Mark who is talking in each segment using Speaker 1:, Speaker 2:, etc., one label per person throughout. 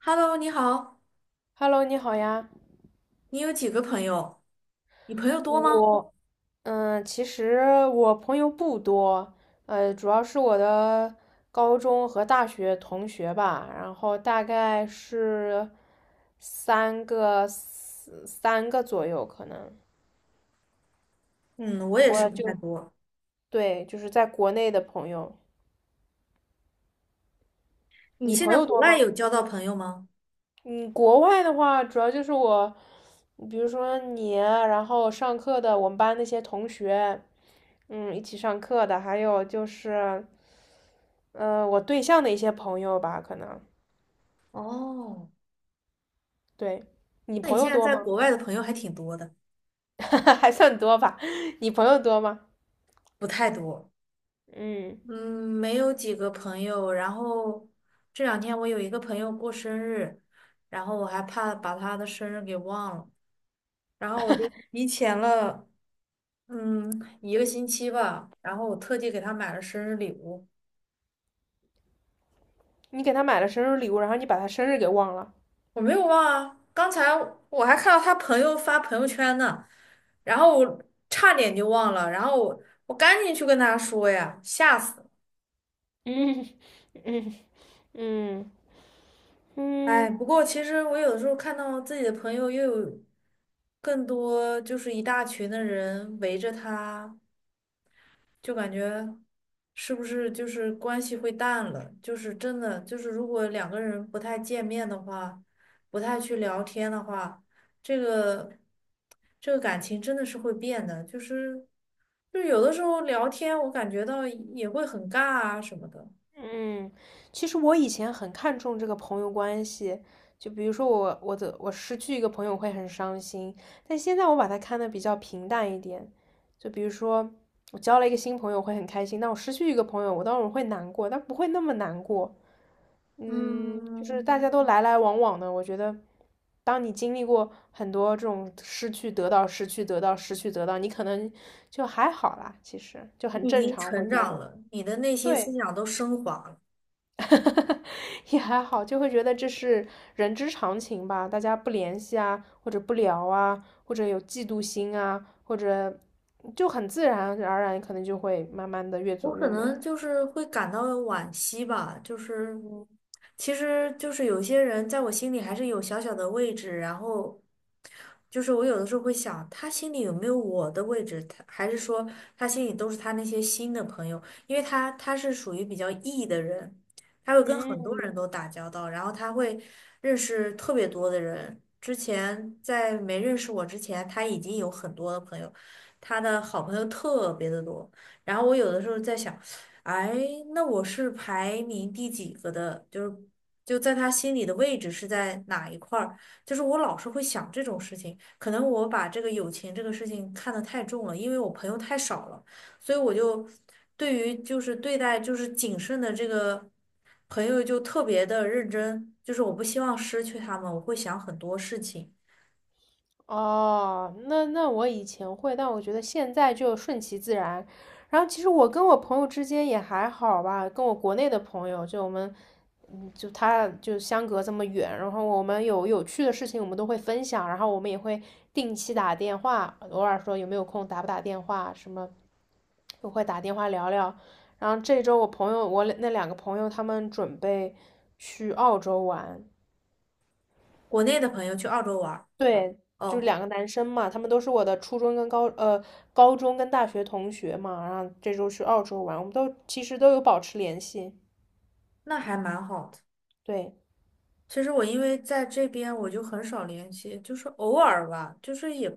Speaker 1: Hello，你好，
Speaker 2: Hello，你好呀。
Speaker 1: 你有几个朋友？你朋友多吗？
Speaker 2: 我，其实我朋友不多，主要是我的高中和大学同学吧，然后大概是三个左右，可能
Speaker 1: 嗯，我也是
Speaker 2: 我
Speaker 1: 不太
Speaker 2: 就
Speaker 1: 多。
Speaker 2: 对，就是在国内的朋友。
Speaker 1: 你
Speaker 2: 你
Speaker 1: 现
Speaker 2: 朋
Speaker 1: 在
Speaker 2: 友
Speaker 1: 国
Speaker 2: 多
Speaker 1: 外
Speaker 2: 吗？
Speaker 1: 有交到朋友吗？
Speaker 2: 嗯，国外的话，主要就是我，比如说你，然后上课的我们班那些同学，一起上课的，还有就是，我对象的一些朋友吧，可能，
Speaker 1: 哦，
Speaker 2: 对，你
Speaker 1: 那你
Speaker 2: 朋
Speaker 1: 现
Speaker 2: 友
Speaker 1: 在
Speaker 2: 多
Speaker 1: 在
Speaker 2: 吗？
Speaker 1: 国外的朋友还挺多的，
Speaker 2: 还算多吧，你朋友多吗？
Speaker 1: 不太多。
Speaker 2: 嗯，
Speaker 1: 嗯，没有几个朋友。然后这两天我有一个朋友过生日，然后我还怕把他的生日给忘了，然后我就提前了，嗯，一个星期吧。然后我特地给他买了生日礼物。
Speaker 2: 你给他买了生日礼物，然后你把他生日给忘了。
Speaker 1: 我没有忘啊，刚才我还看到他朋友发朋友圈呢，然后我差点就忘了，然后我赶紧去跟他说呀，吓死了！
Speaker 2: 嗯嗯嗯
Speaker 1: 哎，
Speaker 2: 嗯。
Speaker 1: 不过其实我有的时候看到自己的朋友又有更多，就是一大群的人围着他，就感觉是不是就是关系会淡了？就是真的，就是如果两个人不太见面的话，不太去聊天的话，这个这个感情真的是会变的。就有的时候聊天，我感觉到也会很尬啊什么的。
Speaker 2: 嗯，其实我以前很看重这个朋友关系，就比如说我失去一个朋友会很伤心，但现在我把它看得比较平淡一点。就比如说我交了一个新朋友会很开心，但我失去一个朋友，我当然会难过，但不会那么难过。就是
Speaker 1: 嗯，
Speaker 2: 大家都来来往往的，我觉得，当你经历过很多这种失去、得到、失去、得到、失去、得到，你可能就还好啦，其实就很
Speaker 1: 你已
Speaker 2: 正
Speaker 1: 经
Speaker 2: 常，会
Speaker 1: 成
Speaker 2: 觉得
Speaker 1: 长了，你的内心思
Speaker 2: 对。
Speaker 1: 想都升华了。
Speaker 2: 也还好，就会觉得这是人之常情吧，大家不联系啊，或者不聊啊，或者有嫉妒心啊，或者就很自然而然，可能就会慢慢的越
Speaker 1: 我
Speaker 2: 走
Speaker 1: 可
Speaker 2: 越远。
Speaker 1: 能就是会感到惋惜吧，就是
Speaker 2: 嗯
Speaker 1: 其实就是有些人在我心里还是有小小的位置，然后就是我有的时候会想，他心里有没有我的位置？他还是说他心里都是他那些新的朋友，因为他是属于比较 E 的人，他会跟很多人
Speaker 2: 嗯。
Speaker 1: 都打交道，然后他会认识特别多的人。之前在没认识我之前，他已经有很多的朋友，他的好朋友特别的多。然后我有的时候在想，哎，那我是排名第几个的？就在他心里的位置是在哪一块儿？就是我老是会想这种事情，可能我把这个友情这个事情看得太重了，因为我朋友太少了，所以我就对于就是对待就是谨慎的这个朋友就特别的认真，就是我不希望失去他们，我会想很多事情。
Speaker 2: 哦，那我以前会，但我觉得现在就顺其自然。然后其实我跟我朋友之间也还好吧，跟我国内的朋友，就我们，就他就相隔这么远，然后我们有有趣的事情我们都会分享，然后我们也会定期打电话，偶尔说有没有空打不打电话什么，我会打电话聊聊。然后这周我那两个朋友他们准备去澳洲玩，
Speaker 1: 国内的朋友去澳洲玩儿，
Speaker 2: 对，就是
Speaker 1: 哦，
Speaker 2: 两个男生嘛，他们都是我的初中跟高中跟大学同学嘛，然后这周去澳洲玩，我们都其实都有保持联系。
Speaker 1: 那还蛮好的。
Speaker 2: 对
Speaker 1: 其实我因为在这边我就很少联系，就是偶尔吧，就是也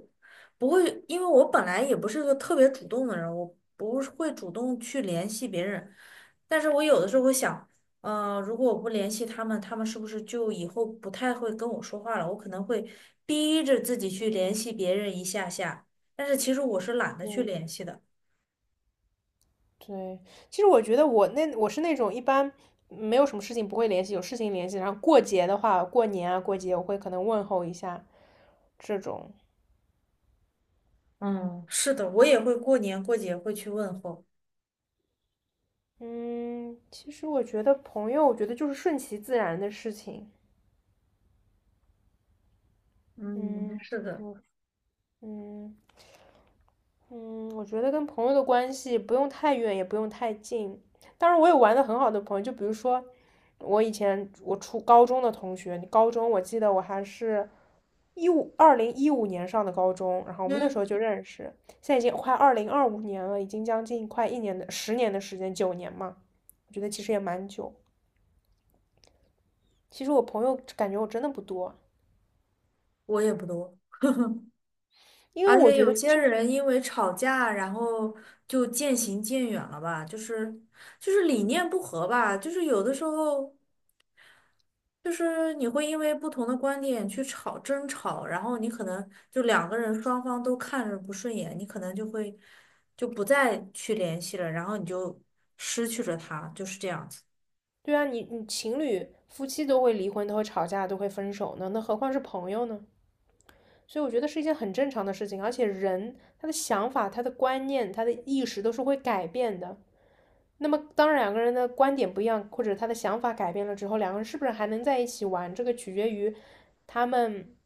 Speaker 1: 不会，因为我本来也不是个特别主动的人，我不是会主动去联系别人，但是我有的时候会想，嗯，如果我不联系他们，他们是不是就以后不太会跟我说话了？我可能会逼着自己去联系别人一下下，但是其实我是懒得去联系的。
Speaker 2: 对，其实我觉得我是那种一般没有什么事情不会联系，有事情联系，然后过节的话，过年啊过节我会可能问候一下这种。
Speaker 1: 嗯，是的，我也会过年过节会去问候。
Speaker 2: 嗯，其实我觉得朋友，我觉得就是顺其自然的事情。
Speaker 1: 嗯，
Speaker 2: 嗯，
Speaker 1: 是
Speaker 2: 对。
Speaker 1: 的，
Speaker 2: 嗯嗯，我觉得跟朋友的关系不用太远，也不用太近。当然，我有玩的很好的朋友，就比如说我以前我初高中的同学，高中我记得我还是2015年上的高中，然后我们那时
Speaker 1: 嗯，
Speaker 2: 候就认识，现在已经快2025年了，已经将近快一年的10年的时间，9年嘛，我觉得其实也蛮久。其实我朋友感觉我真的不多，
Speaker 1: 我也不多。
Speaker 2: 因为
Speaker 1: 而
Speaker 2: 我
Speaker 1: 且
Speaker 2: 觉
Speaker 1: 有
Speaker 2: 得
Speaker 1: 些
Speaker 2: 这
Speaker 1: 人因为吵架，然后就渐行渐远了吧，就是理念不合吧，就是有的时候就是你会因为不同的观点去争吵，然后你可能就两个人双方都看着不顺眼，你可能就会就不再去联系了，然后你就失去了他，就是这样子。
Speaker 2: 对啊，你情侣、夫妻都会离婚，都会吵架，都会分手呢，那何况是朋友呢？所以我觉得是一件很正常的事情，而且人他的想法、他的观念、他的意识都是会改变的。那么，当两个人的观点不一样，或者他的想法改变了之后，两个人是不是还能在一起玩？这个取决于他们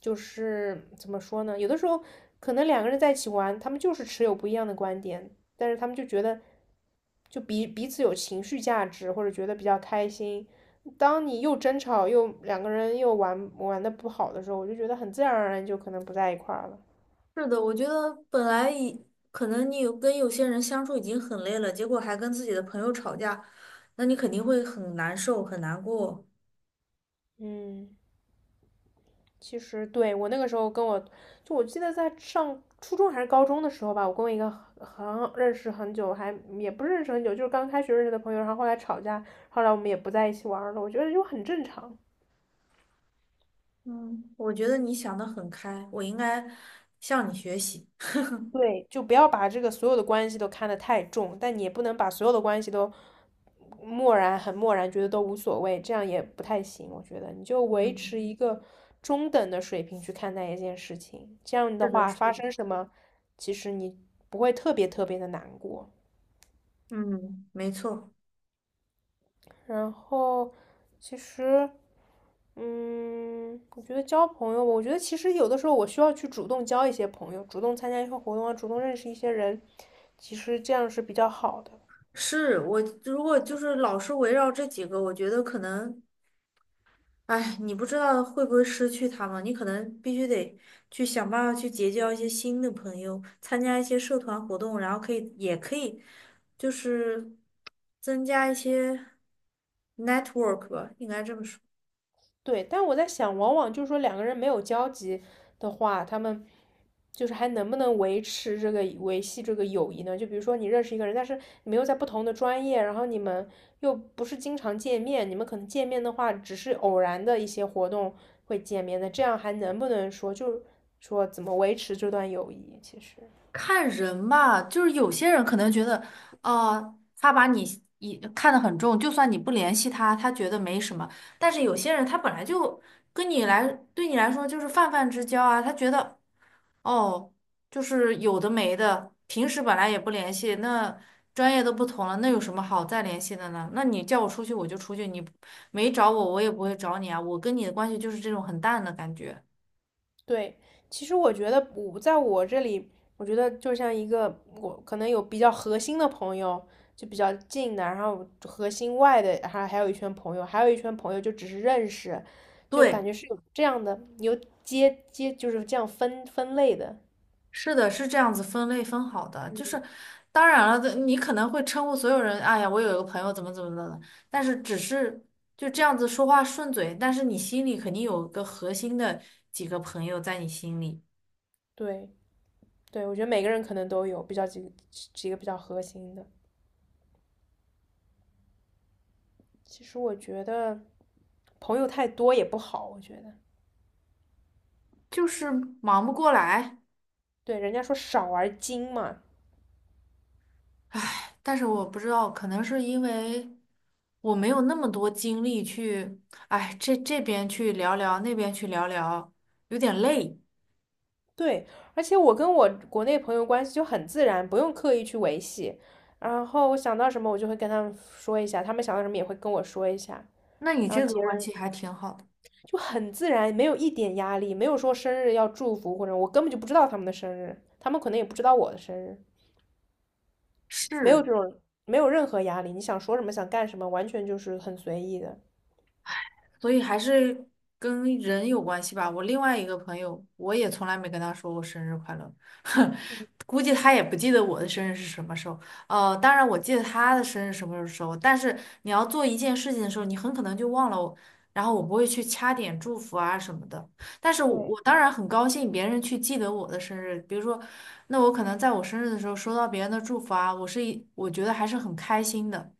Speaker 2: 就是怎么说呢？有的时候可能两个人在一起玩，他们就是持有不一样的观点，但是他们就觉得就彼此有情绪价值，或者觉得比较开心。当你又争吵又两个人又玩的不好的时候，我就觉得很自然而然就可能不在一块儿了。
Speaker 1: 是的，我觉得本来已可能你有跟有些人相处已经很累了，结果还跟自己的朋友吵架，那你肯定会很难受，很难过。
Speaker 2: 嗯，其实对我那个时候跟我就我记得在上初中还是高中的时候吧，我跟我一个很认识很久，还也不是认识很久，就是刚开学认识的朋友，然后后来吵架，后来我们也不在一起玩了。我觉得就很正常。
Speaker 1: 嗯，我觉得你想的很开，我应该向你学习。
Speaker 2: 对，就不要把这个所有的关系都看得太重，但你也不能把所有的关系都漠然，很漠然，觉得都无所谓，这样也不太行。我觉得你就维
Speaker 1: 嗯，
Speaker 2: 持一个中等的水平去看待一件事情，这样的
Speaker 1: 是的，
Speaker 2: 话
Speaker 1: 是
Speaker 2: 发
Speaker 1: 的。
Speaker 2: 生什么，其实你不会特别特别的难过。
Speaker 1: 嗯，没错，
Speaker 2: 然后，其实，我觉得交朋友，我觉得其实有的时候我需要去主动交一些朋友，主动参加一些活动啊，主动认识一些人，其实这样是比较好的。
Speaker 1: 是我如果就是老是围绕这几个，我觉得可能，哎，你不知道会不会失去他们，你可能必须得去想办法去结交一些新的朋友，参加一些社团活动，然后可以也可以就是增加一些 network 吧，应该这么说。
Speaker 2: 对，但我在想，往往就是说两个人没有交集的话，他们就是还能不能维系这个友谊呢？就比如说你认识一个人，但是你们又在不同的专业，然后你们又不是经常见面，你们可能见面的话，只是偶然的一些活动会见面的，这样还能不能说怎么维持这段友谊？其实，
Speaker 1: 看人吧，就是有些人可能觉得，他把你一看得很重，就算你不联系他，他觉得没什么。但是有些人他本来就跟你来，对你来说就是泛泛之交啊，他觉得哦，就是有的没的，平时本来也不联系，那专业都不同了，那有什么好再联系的呢？那你叫我出去我就出去，你没找我我也不会找你啊，我跟你的关系就是这种很淡的感觉。
Speaker 2: 对，其实我觉得我在我这里，我觉得就像一个我可能有比较核心的朋友，就比较近的，然后核心外的，还有一圈朋友，还有一圈朋友就只是认识，就
Speaker 1: 对。
Speaker 2: 感觉是有这样的，有接接就是这样分类的。
Speaker 1: 是的，是这样子分类分好的，就是当然了，你可能会称呼所有人，哎呀，我有一个朋友怎么怎么的了，但是只是就这样子说话顺嘴，但是你心里肯定有个核心的几个朋友在你心里，
Speaker 2: 对对，我觉得每个人可能都有比较几个比较核心的。其实我觉得朋友太多也不好，我觉得
Speaker 1: 就是忙不过来，
Speaker 2: 对人家说少而精嘛，
Speaker 1: 唉，但是我不知道，可能是因为我没有那么多精力去，哎，这这边去聊聊，那边去聊聊，有点累。
Speaker 2: 对，而且我跟我国内朋友关系就很自然，不用刻意去维系。然后我想到什么，我就会跟他们说一下，他们想到什么也会跟我说一下。
Speaker 1: 那你
Speaker 2: 然后
Speaker 1: 这个
Speaker 2: 节
Speaker 1: 关
Speaker 2: 日
Speaker 1: 系还挺好的，
Speaker 2: 就很自然，没有一点压力，没有说生日要祝福或者我根本就不知道他们的生日，他们可能也不知道我的生日，没有
Speaker 1: 是。
Speaker 2: 这种，没有任何压力。你想说什么，想干什么，完全就是很随意的。
Speaker 1: 所以还是跟人有关系吧。我另外一个朋友，我也从来没跟他说过生日快乐，估计他也不记得我的生日是什么时候。当然我记得他的生日什么时候，但是你要做一件事情的时候，你很可能就忘了我然后我不会去掐点祝福啊什么的，但是我，
Speaker 2: 对，
Speaker 1: 我当然很高兴别人去记得我的生日。比如说，那我可能在我生日的时候收到别人的祝福啊，我觉得还是很开心的。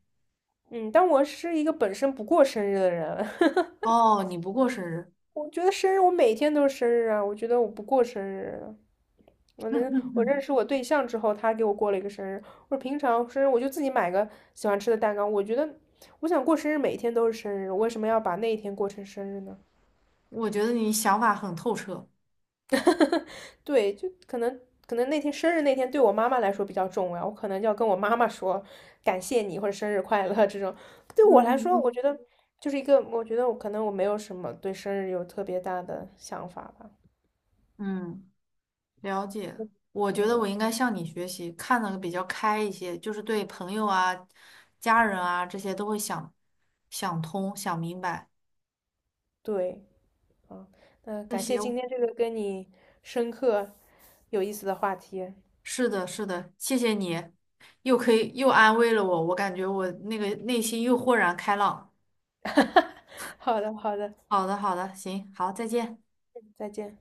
Speaker 2: 嗯，但我是一个本身不过生日的人，
Speaker 1: 哦，你不过生日。
Speaker 2: 我觉得生日，我每天都是生日啊！我觉得我不过生日啊，我认 识我对象之后，他给我过了一个生日。我平常生日我就自己买个喜欢吃的蛋糕。我觉得我想过生日，每天都是生日，我为什么要把那一天过成生日呢？
Speaker 1: 我觉得你想法很透彻，
Speaker 2: 对，就可能那天生日那天对我妈妈来说比较重要，我可能就要跟我妈妈说感谢你或者生日快乐这种。对我来
Speaker 1: 嗯
Speaker 2: 说，我
Speaker 1: 嗯
Speaker 2: 觉得就是一个，我觉得我可能没有什么对生日有特别大的想法吧。
Speaker 1: 嗯，嗯，了解我
Speaker 2: 对，
Speaker 1: 觉得我应
Speaker 2: 我
Speaker 1: 该向你学习，看的比较开一些，就是对朋友啊、家人啊这些都会想想通、想明白。
Speaker 2: 对。嗯，那
Speaker 1: 那
Speaker 2: 感谢今
Speaker 1: 行，
Speaker 2: 天这个跟你深刻、有意思的话题。
Speaker 1: 是的，是的，谢谢你，又可以又安慰了我，我感觉我那个内心又豁然开朗。
Speaker 2: 好的，好的，
Speaker 1: 好的，好的，行，好，再见。
Speaker 2: 再见。